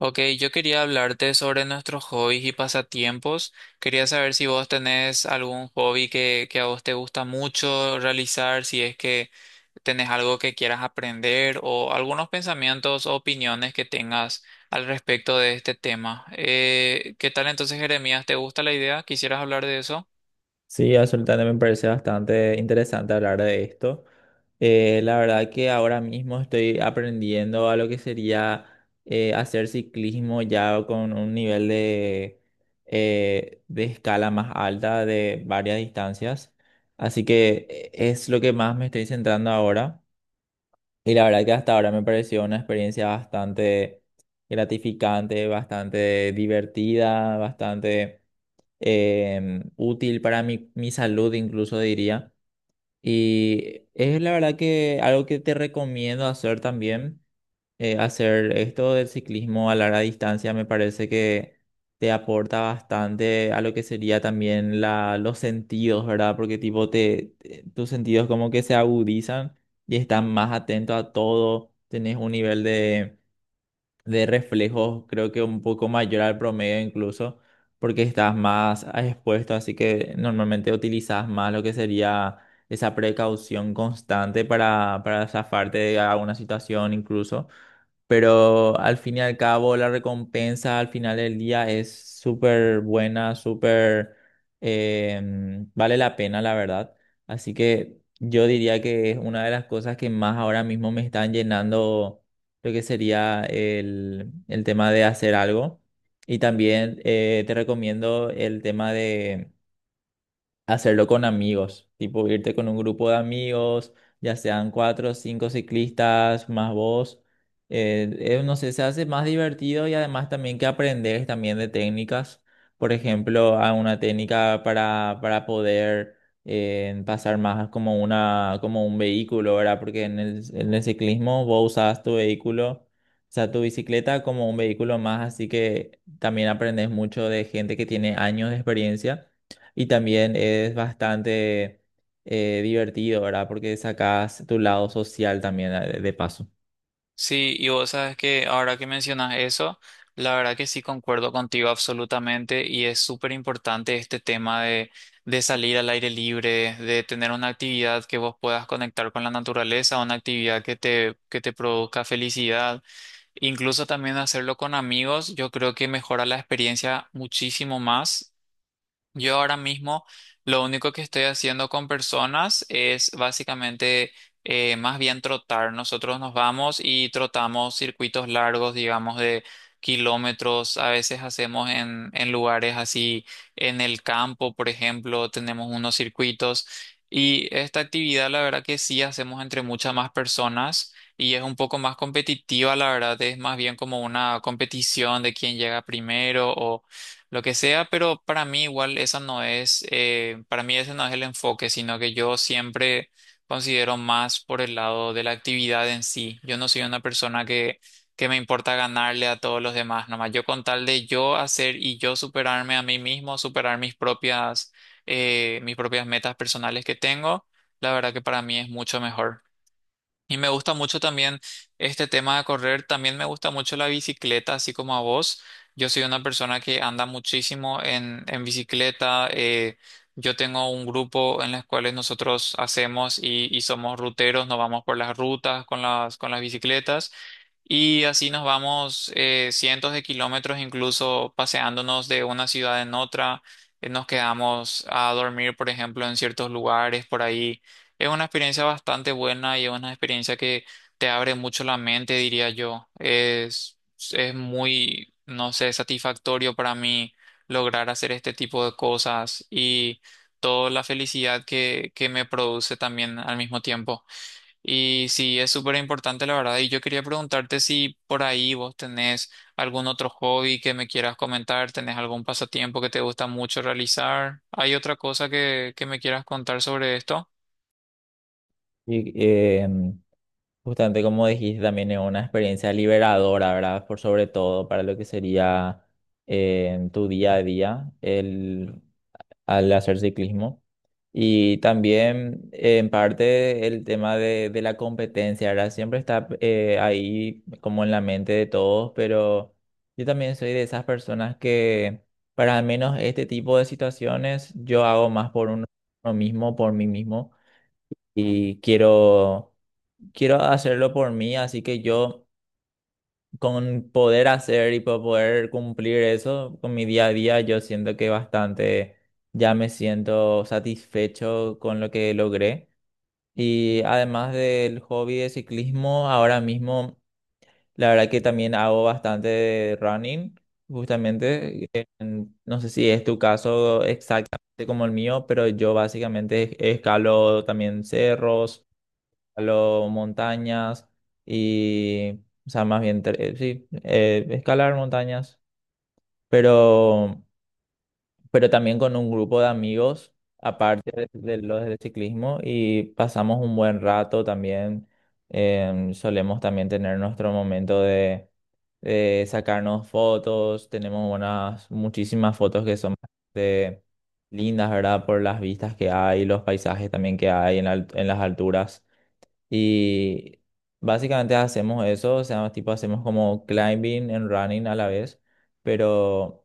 Ok, yo quería hablarte sobre nuestros hobbies y pasatiempos. Quería saber si vos tenés algún hobby que a vos te gusta mucho realizar, si es que tenés algo que quieras aprender o algunos pensamientos o opiniones que tengas al respecto de este tema. ¿qué tal entonces, Jeremías? ¿Te gusta la idea? ¿Quisieras hablar de eso? Sí, absolutamente me parece bastante interesante hablar de esto. La verdad que ahora mismo estoy aprendiendo a lo que sería hacer ciclismo ya con un nivel de escala más alta de varias distancias. Así que es lo que más me estoy centrando ahora. Y la verdad que hasta ahora me pareció una experiencia bastante gratificante, bastante divertida, bastante útil para mi salud, incluso diría. Y es la verdad que algo que te recomiendo hacer también, hacer esto del ciclismo a larga distancia me parece que te aporta bastante a lo que sería también los sentidos, ¿verdad? Porque tipo tus sentidos como que se agudizan y están más atentos a todo, tenés un nivel de reflejos, creo que un poco mayor al promedio incluso, porque estás más expuesto, así que normalmente utilizas más lo que sería esa precaución constante para zafarte de alguna situación incluso. Pero al fin y al cabo, la recompensa al final del día es súper buena, súper... vale la pena, la verdad. Así que yo diría que es una de las cosas que más ahora mismo me están llenando lo que sería el tema de hacer algo. Y también te recomiendo el tema de hacerlo con amigos, tipo irte con un grupo de amigos, ya sean cuatro o cinco ciclistas, más vos. No sé, se hace más divertido y además también que aprendes también de técnicas. Por ejemplo, a una técnica para poder pasar más como una, como un vehículo, ¿verdad? Porque en en el ciclismo vos usas tu vehículo. O sea, tu bicicleta como un vehículo más, así que también aprendes mucho de gente que tiene años de experiencia y también es bastante divertido, ¿verdad? Porque sacas tu lado social también de paso. Sí, y vos sabes que ahora que mencionas eso, la verdad que sí concuerdo contigo absolutamente y es súper importante este tema de salir al aire libre, de tener una actividad que vos puedas conectar con la naturaleza, una actividad que te produzca felicidad, incluso también hacerlo con amigos. Yo creo que mejora la experiencia muchísimo más. Yo ahora mismo lo único que estoy haciendo con personas es básicamente más bien trotar. Nosotros nos vamos y trotamos circuitos largos, digamos, de kilómetros. A veces hacemos en lugares así, en el campo, por ejemplo, tenemos unos circuitos. Y esta actividad, la verdad que sí hacemos entre muchas más personas y es un poco más competitiva, la verdad, es más bien como una competición de quién llega primero lo que sea, pero para mí igual esa no es, para mí ese no es el enfoque, sino que yo siempre considero más por el lado de la actividad en sí. Yo no soy una persona que me importa ganarle a todos los demás, nomás yo con tal de yo hacer y yo superarme a mí mismo, superar mis propias metas personales que tengo. La verdad que para mí es mucho mejor. Y me gusta mucho también este tema de correr. También me gusta mucho la bicicleta, así como a vos. Yo soy una persona que anda muchísimo en bicicleta. Yo tengo un grupo en las cuales nosotros hacemos y somos ruteros, nos vamos por las rutas con las bicicletas. Y así nos vamos cientos de kilómetros, incluso paseándonos de una ciudad en otra. Nos quedamos a dormir, por ejemplo, en ciertos lugares por ahí. Es una experiencia bastante buena y es una experiencia que te abre mucho la mente, diría yo. Es muy, no sé, satisfactorio para mí lograr hacer este tipo de cosas y toda la felicidad que me produce también al mismo tiempo. Y sí, es súper importante, la verdad. Y yo quería preguntarte si por ahí vos tenés algún otro hobby que me quieras comentar, tenés algún pasatiempo que te gusta mucho realizar. ¿Hay otra cosa que me quieras contar sobre esto? Y justamente como dijiste, también es una experiencia liberadora, ¿verdad? Por sobre todo para lo que sería tu día a día al hacer ciclismo. Y también, en parte, el tema de la competencia, ¿verdad? Siempre está ahí como en la mente de todos, pero yo también soy de esas personas que, para al menos este tipo de situaciones, yo hago más por uno mismo, por mí mismo, y quiero, quiero hacerlo por mí, así que yo, con poder hacer y poder cumplir eso con mi día a día, yo siento que bastante ya me siento satisfecho con lo que logré. Y además del hobby de ciclismo, ahora mismo la verdad que también hago bastante running, justamente. No sé si es tu caso exactamente como el mío, pero yo básicamente escalo también cerros, escalo montañas y, o sea, más bien, escalar montañas, pero también con un grupo de amigos, aparte de los del ciclismo, y pasamos un buen rato también. Solemos también tener nuestro momento de sacarnos fotos, tenemos unas muchísimas fotos que son bastante lindas, ¿verdad? Por las vistas que hay, los paisajes también que hay en, en las alturas. Y básicamente hacemos eso, o sea, tipo hacemos como climbing and running a la vez, pero...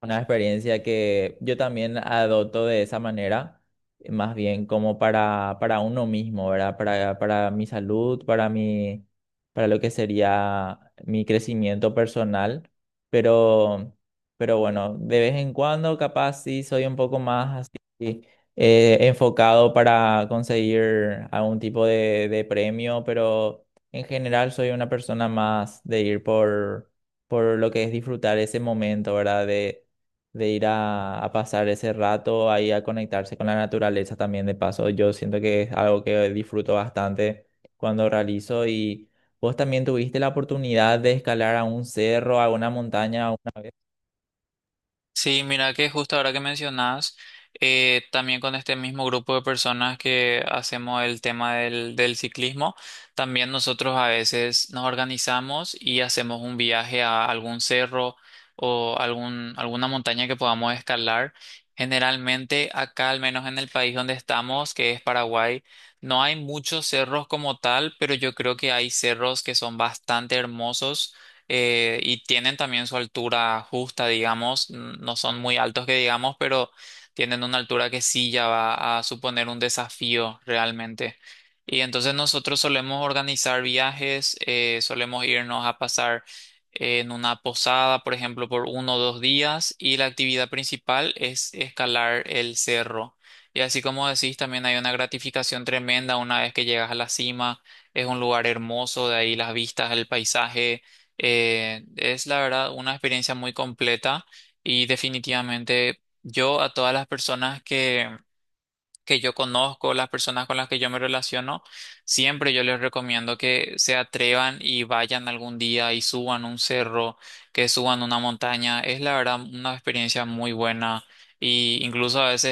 Una experiencia que yo también adopto de esa manera, más bien como para uno mismo, ¿verdad? Para mi salud, para mi, para lo que sería mi crecimiento personal. Pero, pero bueno, de vez en cuando capaz sí soy un poco más así enfocado para conseguir algún tipo de premio, pero en general soy una persona más de ir por lo que es disfrutar ese momento, ¿verdad? De ir a pasar ese rato ahí a conectarse con la naturaleza también de paso. Yo siento que es algo que disfruto bastante cuando realizo y vos también tuviste la oportunidad de escalar a un cerro, a una montaña una vez Sí, mira que justo ahora que mencionas, también con este mismo grupo de personas que hacemos el tema del ciclismo, también nosotros a veces nos organizamos y hacemos un viaje a algún cerro o algún, alguna montaña que podamos escalar. Generalmente acá, al menos en el país donde estamos, que es Paraguay, no hay muchos cerros como tal, pero yo creo que hay cerros que son bastante hermosos. Y tienen también su altura justa, digamos, no son muy altos que digamos, pero tienen una altura que sí ya va a suponer un desafío realmente. Y entonces nosotros solemos organizar viajes, solemos irnos a pasar en una posada, por ejemplo, por uno o dos días, y la actividad principal es escalar el cerro. Y así como decís, también hay una gratificación tremenda una vez que llegas a la cima. Es un lugar hermoso, de ahí las vistas, el paisaje, es la verdad una experiencia muy completa y definitivamente yo a todas las personas que yo conozco, las personas con las que yo me relaciono, siempre yo les recomiendo que se atrevan y vayan algún día y suban un cerro, que suban una montaña. Es la verdad una experiencia muy buena, y incluso a veces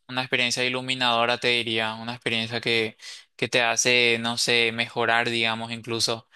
es una experiencia iluminadora, te diría, una experiencia que te hace, no sé, mejorar, digamos, incluso.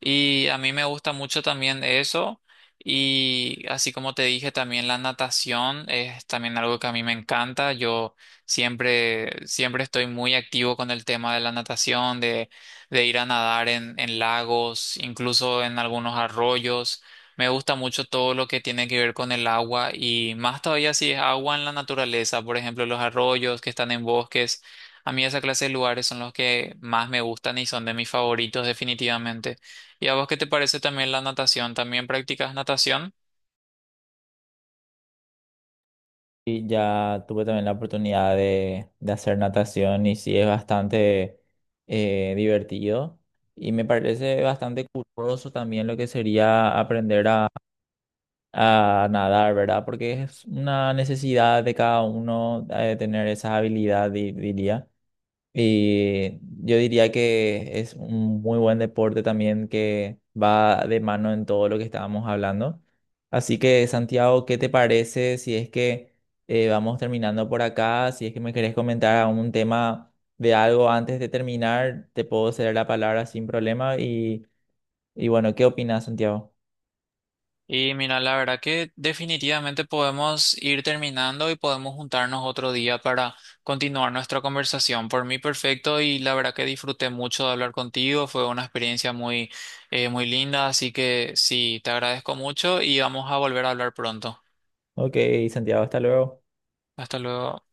Y a mí me gusta mucho también eso. Y así como te dije, también la natación es también algo que a mí me encanta. Yo siempre, siempre estoy muy activo con el tema de la natación, de ir a nadar en lagos, incluso en algunos arroyos. Me gusta mucho todo lo que tiene que ver con el agua, y más todavía si es agua en la naturaleza, por ejemplo, los arroyos que están en bosques. A mí esa clase de lugares son los que más me gustan y son de mis favoritos definitivamente. ¿Y a vos qué te parece también la natación? ¿También practicas natación? y ya tuve también la oportunidad de hacer natación y sí es bastante divertido. Y me parece bastante curioso también lo que sería aprender a nadar, ¿verdad? Porque es una necesidad de cada uno tener esa habilidad, diría. Y yo diría que es un muy buen deporte también que va de mano en todo lo que estábamos hablando. Así que, Santiago, ¿qué te parece si es que vamos terminando por acá? Si es que me querés comentar algún tema de algo antes de terminar, te puedo ceder la palabra sin problema. Y bueno, ¿qué opinas, Santiago? Y mira, la verdad que definitivamente podemos ir terminando y podemos juntarnos otro día para continuar nuestra conversación. Por mí, perfecto. Y la verdad que disfruté mucho de hablar contigo. Fue una experiencia muy, muy linda. Así que sí, te agradezco mucho y vamos a volver a hablar pronto. Ok, Santiago, hasta luego. Hasta luego.